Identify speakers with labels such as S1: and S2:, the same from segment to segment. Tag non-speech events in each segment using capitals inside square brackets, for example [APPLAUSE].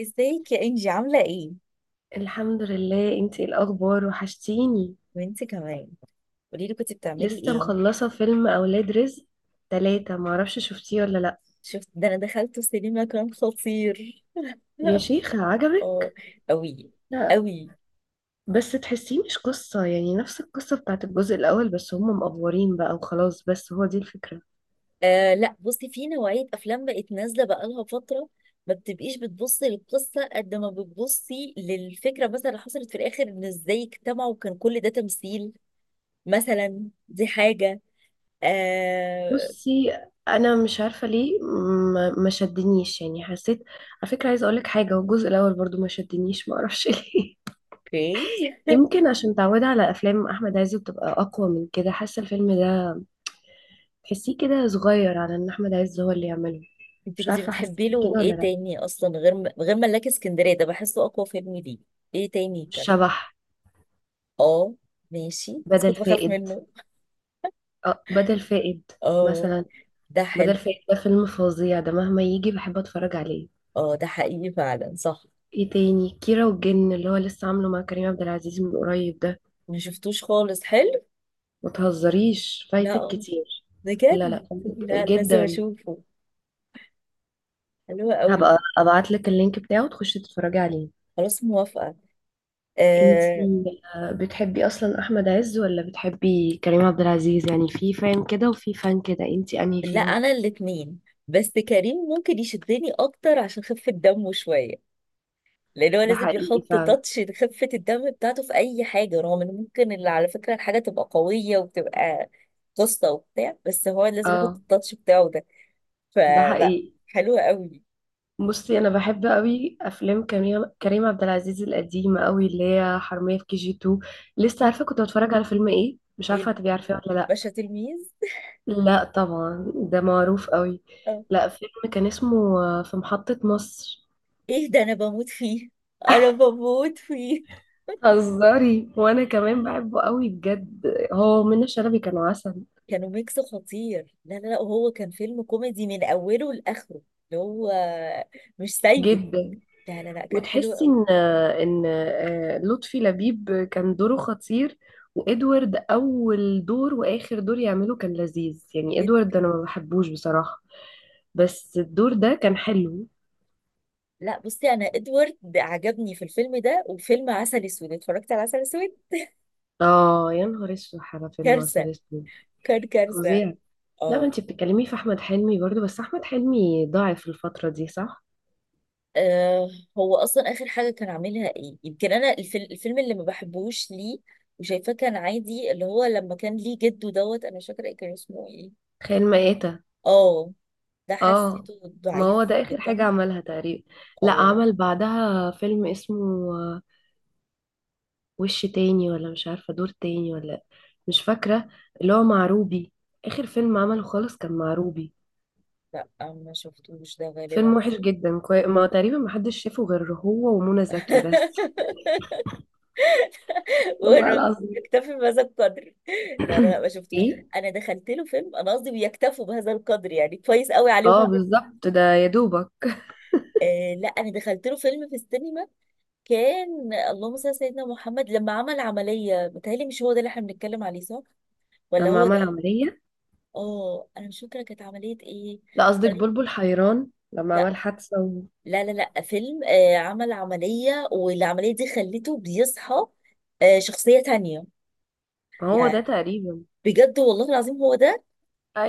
S1: ازيك يا انجي؟ عامله ايه؟
S2: الحمد لله. انتي ايه الاخبار؟ وحشتيني.
S1: وانت كمان. قولي لي، كنت بتعملي
S2: لسه
S1: ايه؟
S2: مخلصه فيلم اولاد رزق تلاتة، معرفش شفتيه ولا لا.
S1: شفت ده؟ انا دخلت سينما، كان خطير.
S2: يا
S1: [LAUGHS]
S2: شيخة
S1: اه،
S2: عجبك؟
S1: قوي
S2: لا،
S1: قوي.
S2: بس تحسيه مش قصه، يعني نفس القصه بتاعت الجزء الاول، بس هم مقفورين بقى وخلاص، بس هو دي الفكره.
S1: آه لا، بصي، في نوعيه افلام بقت نازله بقالها فتره، ما بتبقيش بتبصي للقصه قد ما بتبصي للفكره. مثلا اللي حصلت في الاخر ان ازاي اجتمعوا وكان كل ده تمثيل، مثلا دي حاجه. آه.
S2: بصي، انا مش عارفه ليه ما شدنيش، يعني حسيت. على فكره عايزه اقولك حاجه، هو الجزء الاول برضو ما شدنيش معرفش ليه. [LAUGHS]
S1: اوكي.
S2: يمكن عشان متعوده على افلام احمد عز بتبقى اقوى من كده، حاسه الفيلم ده تحسيه كده صغير على ان احمد عز هو اللي يعمله.
S1: انت
S2: مش
S1: كنت
S2: عارفه حسيت
S1: بتحبي له
S2: كده ولا
S1: ايه
S2: لا.
S1: تاني اصلا غير غير ملاك اسكندريه؟ ده بحسه اقوى فيلم ليه. ايه تاني كان؟
S2: الشبح.
S1: اه ماشي، بس
S2: بدل
S1: كنت بخاف
S2: فائد،
S1: منه.
S2: اه بدل فائد.
S1: اه
S2: مثلا
S1: ده
S2: بدل
S1: حلو.
S2: فائد ده فيلم فظيع، ده مهما يجي بحب اتفرج عليه.
S1: اه ده حقيقي فعلا، صح.
S2: ايه تاني؟ كيرة والجن اللي هو لسه عامله مع كريم عبد العزيز من قريب ده.
S1: ما شفتوش خالص، حلو؟
S2: ما تهزريش، فايتك
S1: لا،
S2: كتير. لا
S1: بجد،
S2: لا، فايتك
S1: لا، لازم
S2: جدا.
S1: اشوفه. حلو قوي.
S2: هبقى ابعت لك اللينك بتاعه تخشي تتفرجي عليه.
S1: خلاص، موافقه. آه...
S2: انتي، بتحبي اصلا احمد عز ولا بتحبي كريم عبد العزيز؟ يعني في فان كده وفي فان كده، انتي انهي
S1: لا
S2: فيهم؟
S1: انا الاتنين، بس كريم ممكن يشدني اكتر عشان خفة دمه شويه. لان هو
S2: ده
S1: لازم
S2: حقيقي
S1: يحط
S2: فعلا.
S1: تاتش لخفه الدم بتاعته في اي حاجه، رغم ان ممكن اللي على فكره الحاجه تبقى قويه وبتبقى قصه وبتاع، بس هو لازم يحط
S2: اه
S1: التاتش بتاعه ده.
S2: ده
S1: فلا،
S2: حقيقي.
S1: حلوه قوي.
S2: بصي انا بحب قوي افلام كريم عبد العزيز القديمه قوي، اللي هي حرميه في كي جي 2. لسه عارفه كنت بتفرج على فيلم ايه؟ مش
S1: ايه؟
S2: عارفه هتبقي عارفاه ولا
S1: باشا
S2: لا.
S1: تلميذ.
S2: لا طبعا ده معروف قوي.
S1: آه.
S2: لا فيلم كان اسمه، في محطه مصر.
S1: ايه ده؟ انا بموت فيه، انا بموت فيه.
S2: هزاري، وانا كمان بحبه قوي بجد، هو منى شلبي كان عسل
S1: كانوا ميكس خطير. لا لا لا، وهو كان فيلم كوميدي من اوله لاخره. اللي هو مش سايبك.
S2: جدا.
S1: لا لا لا، كان حلو
S2: وتحسي
S1: قوي،
S2: ان لطفي لبيب كان دوره خطير. وادوارد اول دور واخر دور يعمله كان لذيذ، يعني ادوارد
S1: جدا.
S2: انا ما بحبوش بصراحة، بس الدور ده كان حلو.
S1: لا بصي، انا ادوارد عجبني في الفيلم ده، وفيلم عسل اسود، اتفرجت على عسل اسود؟
S2: اه يا نهار اسود على فيلم
S1: كارثه،
S2: عسل اسود.
S1: كان كارثه.
S2: فظيع. لا ما
S1: اه.
S2: انت بتتكلمي في احمد حلمي برضو، بس احمد حلمي ضاعف الفترة دي صح.
S1: آه، هو اصلا اخر حاجه كان عاملها ايه؟ يمكن انا الفيلم، الفيلم اللي ما بحبوش ليه، وشايفاه كان عادي، اللي هو لما كان ليه جده دوت، انا مش فاكره إيه كان اسمه ايه.
S2: خيال مآتة.
S1: اه، ده
S2: اه،
S1: حسيته
S2: ما
S1: ضعيف
S2: هو ده اخر حاجة
S1: جدا.
S2: عملها تقريبا. لا
S1: اه،
S2: عمل بعدها فيلم اسمه، وش تاني ولا مش عارفة دور تاني ولا، مش فاكرة. اللي هو مع روبي. آخر فيلم عمله خالص كان مع روبي.
S1: لا ما شفتوش ده
S2: فيلم
S1: غالبا.
S2: وحش جدا، ما تقريبا محدش شافه غير هو ومنى زكي بس.
S1: [LAUGHS]
S2: والله
S1: ور-
S2: العظيم.
S1: اكتفي بهذا القدر. [LAUGHS] لا لا لا،
S2: [CLEARS THROAT]
S1: ما شفتوش.
S2: ايه.
S1: انا دخلت له فيلم، انا قصدي بيكتفوا بهذا القدر، يعني كويس قوي عليهم
S2: اه
S1: هم.
S2: بالظبط، ده يا دوبك.
S1: آه لا، انا دخلت له فيلم في السينما، كان اللهم صل على سيدنا محمد، لما عمل عمليه، متهيألي مش هو ده اللي احنا بنتكلم عليه، صح؟ ولا
S2: لما
S1: هو
S2: عمل
S1: ده؟
S2: عملية.
S1: اه انا مش فاكره كانت عمليه ايه.
S2: لا قصدك
S1: عملية-
S2: بلبل حيران لما
S1: لا،
S2: عمل حادثة
S1: لا فيلم آه عمل عمليه، والعمليه دي خلته بيصحى آه شخصيه تانية
S2: ما هو ده
S1: يعني.
S2: تقريبا.
S1: بجد والله العظيم هو ده.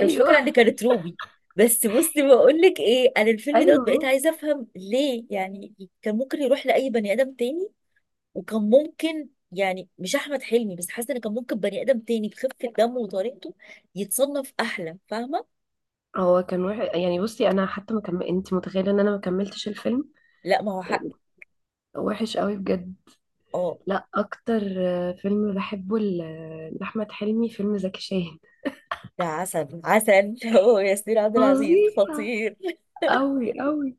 S1: انا مش فاكره ان
S2: [LAUGHS]
S1: كانت روبي. بس بصي بقول لك ايه، انا الفيلم دوت
S2: ايوه.
S1: بقيت
S2: هو
S1: عايزه افهم ليه يعني. كان ممكن يروح لاي بني ادم تاني، وكان ممكن يعني مش احمد حلمي بس، حاسه ان كان ممكن بني ادم تاني بخفه دمه وطريقته يتصنف احلى، فاهمه؟
S2: هو كان وحش يعني. بصي انا حتى ما كم... انت متخيلة ان انا ما كملتش الفيلم.
S1: لا ما هو حق.
S2: يعني وحش قوي بجد.
S1: اه
S2: لا اكتر فيلم بحبه لاحمد حلمي فيلم زكي شان.
S1: ده عسل، عسل. [LAUGHS] هو ياسمين عبد العزيز
S2: فظيع.
S1: خطير.
S2: قوي قوي.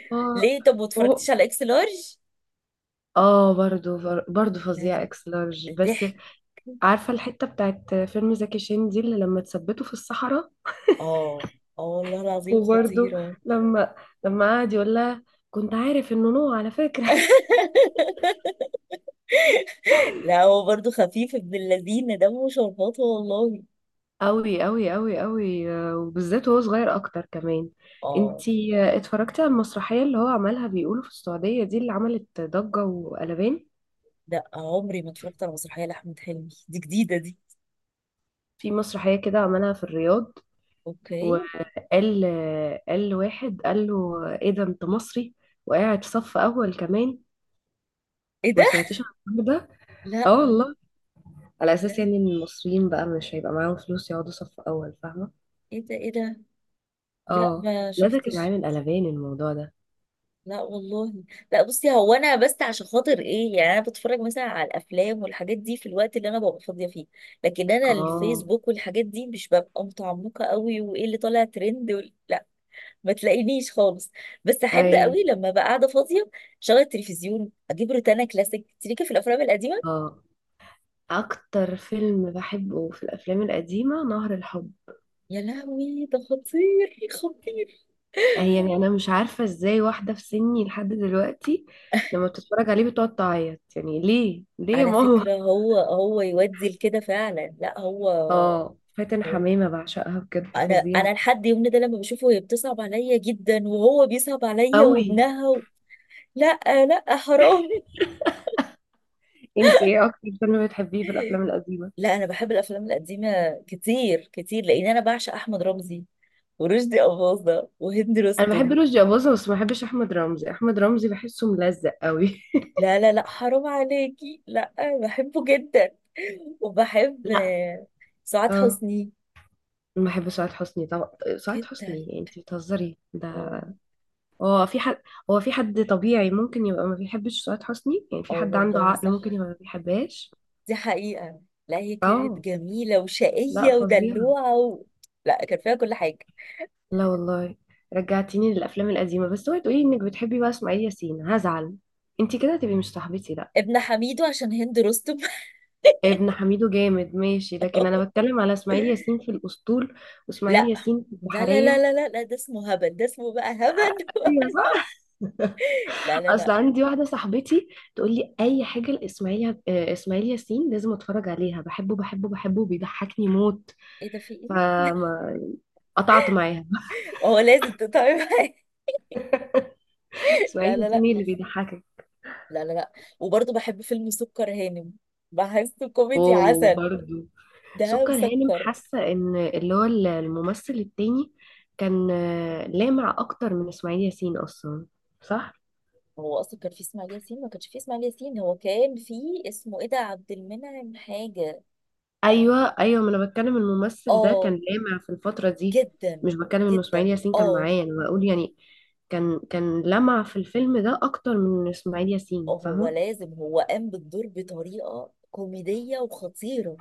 S1: [LAUGHS]
S2: اه.
S1: ليه؟ طب ما
S2: و-
S1: اتفرجتيش على اكس لارج؟
S2: اه برضو. برضو
S1: لا
S2: فظيع
S1: لا،
S2: اكس لارج، بس
S1: ضحك.
S2: عارفه الحته بتاعت فيلم زكي شان دي اللي لما تثبته في الصحراء.
S1: اه، اه والله العظيم
S2: وبرضو
S1: خطيره.
S2: لما قعد يقول لها، كنت عارف انه نوع على فكره. [LAUGHS]
S1: لا هو برضه خفيف ابن اللذين، دمه شربات والله.
S2: قوي قوي قوي قوي. وبالذات وهو صغير اكتر كمان.
S1: اه.
S2: انتي اتفرجتي على المسرحيه اللي هو عملها بيقولوا في السعوديه دي اللي عملت ضجه وقلبان؟
S1: لا عمري ما اتفرجت على مسرحية لأحمد حلمي، دي جديدة دي.
S2: في مسرحية كده عملها في الرياض.
S1: اوكي.
S2: وقال قال لواحد قال له ايه ده انت مصري، وقاعد صف اول كمان.
S1: ايه ده؟
S2: ما سمعتيش عن الحوار ده؟
S1: لا
S2: اه والله. على اساس
S1: لا،
S2: يعني ان المصريين بقى مش هيبقى معاهم فلوس يقعدوا صف اول، فاهمة.
S1: ايه ده ايه ده؟ لا
S2: اه
S1: ما
S2: لا ده كان
S1: شفتش.
S2: عامل قلبان الموضوع ده.
S1: لا والله. لا بصي، هو انا بس عشان خاطر ايه، يعني انا بتفرج مثلا على الافلام والحاجات دي في الوقت اللي انا ببقى فاضيه فيه. لكن انا
S2: اه.
S1: الفيسبوك والحاجات دي مش ببقى متعمقه قوي، وايه اللي طالع ترند لا، ما تلاقينيش خالص. بس احب
S2: اي.
S1: قوي لما بقى قاعده فاضيه، شغل التلفزيون، اجيب روتانا كلاسيك، تريكه في الافلام القديمه.
S2: اه. اكتر فيلم بحبه في الافلام القديمة نهر الحب.
S1: يا لهوي ده خطير خطير.
S2: يعني انا مش عارفة ازاي واحدة في سني لحد دلوقتي لما بتتفرج عليه بتقعد تعيط، يعني ليه ليه يا
S1: على
S2: ماما.
S1: فكره هو يودي لكده فعلا، لا هو.
S2: اه فاتن
S1: هو-
S2: حمامة بعشقها بجد
S1: انا
S2: فظيعة
S1: لحد يومنا ده لما بشوفه، هي بتصعب عليا جدا، وهو بيصعب عليا،
S2: قوي.
S1: وابنها لا، لا حرام.
S2: انتي ايه اكتر فيلم بتحبيه في الافلام القديمة؟
S1: لا انا بحب الافلام القديمه كتير كتير، لان انا بعشق احمد رمزي، ورشدي اباظه، وهند
S2: انا بحب
S1: رستم.
S2: رشدي اباظة، بس ما بحبش احمد رمزي، احمد رمزي بحسه ملزق قوي.
S1: لا لا لا، حرام عليكي، لا. بحبه جدا. [LAUGHS]
S2: [LAUGHS]
S1: وبحب
S2: لا.
S1: سعاد
S2: اه
S1: حسني
S2: ما بحب سعاد حسني طبعا. سعاد
S1: جدا.
S2: حسني انتي بتهزري ده.
S1: اه،
S2: هو في حد، هو في حد طبيعي ممكن يبقى ما بيحبش سعاد حسني، يعني في
S1: اه
S2: حد عنده
S1: والله
S2: عقل
S1: صح،
S2: ممكن يبقى ما بيحبهاش.
S1: دي حقيقة. لا هي كانت
S2: اه.
S1: جميلة
S2: لا
S1: وشقية
S2: فظيع.
S1: ودلوعة لا كان فيها كل حاجة.
S2: لا والله. رجعتيني للافلام القديمه، بس اوعي تقولي انك بتحبي بقى اسماعيل ياسين هزعل. انت كده هتبقي مش صاحبتي لا.
S1: ابن حميدو، عشان هند رستم.
S2: ابن حميدو جامد ماشي، لكن انا بتكلم على اسماعيل
S1: [LAUGHS]
S2: ياسين في الاسطول، واسماعيل
S1: لا
S2: ياسين في
S1: لا لا لا
S2: البحريه.
S1: لا لا لا ده اسمه هبل، ده اسمه بقى هبل.
S2: ايوه صح.
S1: [LAUGHS] لا لا
S2: اصل
S1: لا.
S2: عندي واحده صاحبتي تقول لي اي حاجه لاسماعيل، اسماعيل ياسين لازم اتفرج عليها، بحبه بحبه بحبه بيضحكني موت،
S1: ايه ده؟ في ايه؟
S2: فقطعت معاها.
S1: هو لازم تتعب. [LAUGHS]
S2: [LAUGHS]
S1: لا
S2: اسماعيل
S1: لا
S2: ياسين
S1: لا
S2: إيه اللي بيضحكك؟
S1: لا لا لا وبرضه بحب فيلم سكر هانم، بحسه كوميدي
S2: اوه
S1: عسل.
S2: برضه
S1: ده
S2: سكر هانم.
S1: مسكر.
S2: حاسه ان اللي هو الممثل التاني كان لامع اكتر من اسماعيل ياسين اصلا صح.
S1: هو اصلا كان فيه اسماعيل ياسين؟ ما كانش فيه اسماعيل ياسين، هو كان فيه اسمه ايه ده، عبد المنعم حاجه. أنا-
S2: ايوه ايوه، ما انا بتكلم الممثل ده كان
S1: اه،
S2: لامع في الفتره دي،
S1: جدا
S2: مش بتكلم ان اسماعيل
S1: جدا.
S2: ياسين كان
S1: اه
S2: معايا، انا بقول يعني. كان لمع في الفيلم ده اكتر من اسماعيل ياسين
S1: هو
S2: فاهمه.
S1: لازم، هو قام بالدور بطريقه كوميديه وخطيره.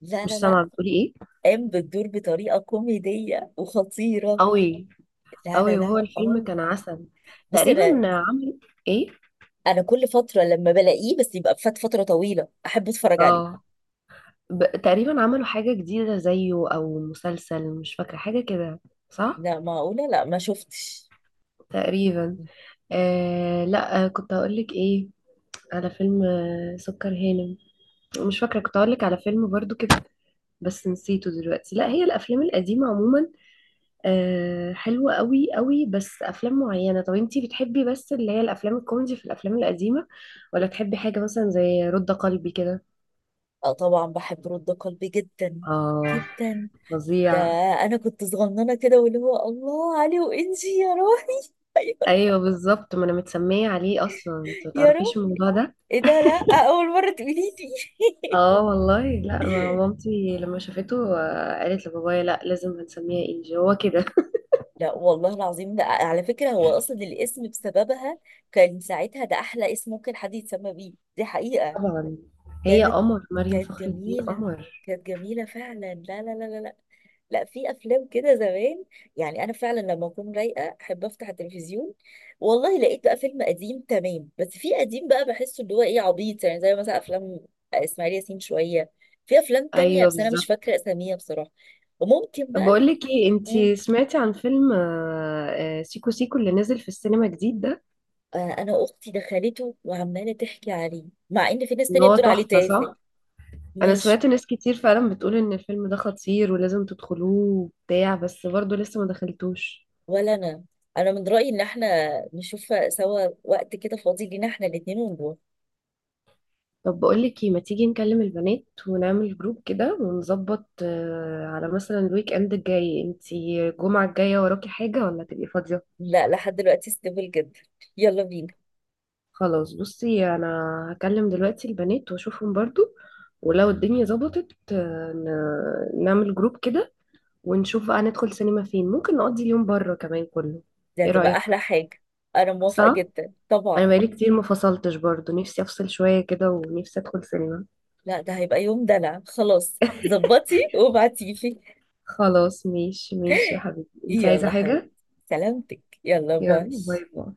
S1: لا لا
S2: مش
S1: لا،
S2: سامعه بتقولي ايه؟
S1: قام بالدور بطريقه كوميديه وخطيره.
S2: قوي
S1: لا لا
S2: قوي. وهو
S1: لا
S2: الفيلم
S1: اه.
S2: كان عسل.
S1: بصي انا،
S2: تقريبا عمل ايه؟
S1: كل فتره لما بلاقيه بس يبقى فات فتره طويله، احب اتفرج عليه.
S2: اه تقريبا عملوا حاجة جديدة زيه أو مسلسل، مش فاكرة حاجة كده صح؟
S1: لا معقولة؟ لا ما شفتش.
S2: تقريبا. آه لا، كنت هقولك ايه؟ على فيلم آه سكر هانم. مش فاكرة كنت هقولك على فيلم برضو كده، بس نسيته دلوقتي. لا هي الأفلام القديمة عموما آه حلوة قوي قوي، بس أفلام معينة. طب انتي بتحبي بس اللي هي الأفلام الكوميدي في الأفلام القديمة، ولا تحبي حاجة مثلا زي رد قلبي كده؟
S1: اه طبعا بحب رد قلبي جدا،
S2: اه
S1: جدا. ده
S2: فظيع.
S1: انا كنت صغننه كده، واللي هو الله علي وانجي يا روحي. [LAUGHS] ايوه،
S2: ايوه بالظبط، ما انا متسميه عليه اصلا، انت ما
S1: يا
S2: تعرفيش
S1: روحي.
S2: الموضوع ده.
S1: ايه ده؟ لا اول مره تقولي لي.
S2: اه والله، لا ما مامتي لما شافته قالت لبابايا لا لازم هنسميها انجي، هو كده. [LAUGHS]
S1: [LAUGHS] لا والله العظيم، ده على فكره هو اصلا الاسم بسببها. كان ساعتها ده احلى اسم ممكن حد يتسمى بيه، دي حقيقه.
S2: طبعا. هي
S1: كانت،
S2: قمر، مريم
S1: كانت
S2: فخر الدين
S1: جميلة،
S2: قمر.
S1: كانت جميلة فعلا. لا، لا في أفلام كده زمان، يعني أنا فعلا لما أكون رايقة أحب أفتح التلفزيون، والله لقيت بقى فيلم قديم تمام. بس في قديم بقى بحسه اللي هو إيه، عبيط، يعني زي مثلا أفلام إسماعيل ياسين شوية. في أفلام تانية
S2: ايوه
S1: بس أنا مش
S2: بالظبط.
S1: فاكرة أساميها بصراحة. وممكن
S2: طب
S1: بقى
S2: بقول لك ايه، انت
S1: مم،
S2: سمعتي عن فيلم سيكو سيكو اللي نزل في السينما جديد ده؟
S1: أنا أختي دخلته وعمالة تحكي عليه، مع إن في ناس
S2: ان
S1: تانية
S2: هو
S1: بتقول عليه
S2: تحفه
S1: تافه.
S2: صح. انا
S1: مش
S2: سمعت ناس كتير فعلا بتقول ان الفيلم ده خطير ولازم تدخلوه وبتاع، بس برضه لسه ما دخلتوش.
S1: ولا انا. انا من رايي ان احنا نشوف سوا وقت كده فاضي لينا احنا الاتنين ونروح.
S2: طب بقولك ايه، ما تيجي نكلم البنات ونعمل جروب كده ونظبط على مثلا الويك اند الجاي، انتي الجمعة الجاية وراكي حاجة ولا تبقي فاضية؟
S1: لا لحد دلوقتي ستيبل جدا، يلا بينا.
S2: خلاص بصي انا هكلم دلوقتي البنات واشوفهم برضو، ولو الدنيا ظبطت نعمل جروب كده ونشوف بقى ندخل سينما فين، ممكن نقضي اليوم بره كمان كله.
S1: دي
S2: ايه
S1: هتبقى
S2: رأيك؟
S1: احلى حاجه. انا موافقه
S2: صح.
S1: جدا
S2: انا
S1: طبعا.
S2: بقالي كتير ما فصلتش برضو، نفسي افصل شوية كده، ونفسي ادخل سينما.
S1: لا ده هيبقى يوم دلع، خلاص ظبطي وابعتيلي.
S2: خلاص ماشي ماشي، يا
S1: [LAUGHS]
S2: حبيبي انت عايزة
S1: يلا حبيبي،
S2: حاجة؟
S1: سلامتك، يلا باي.
S2: يلا باي باي.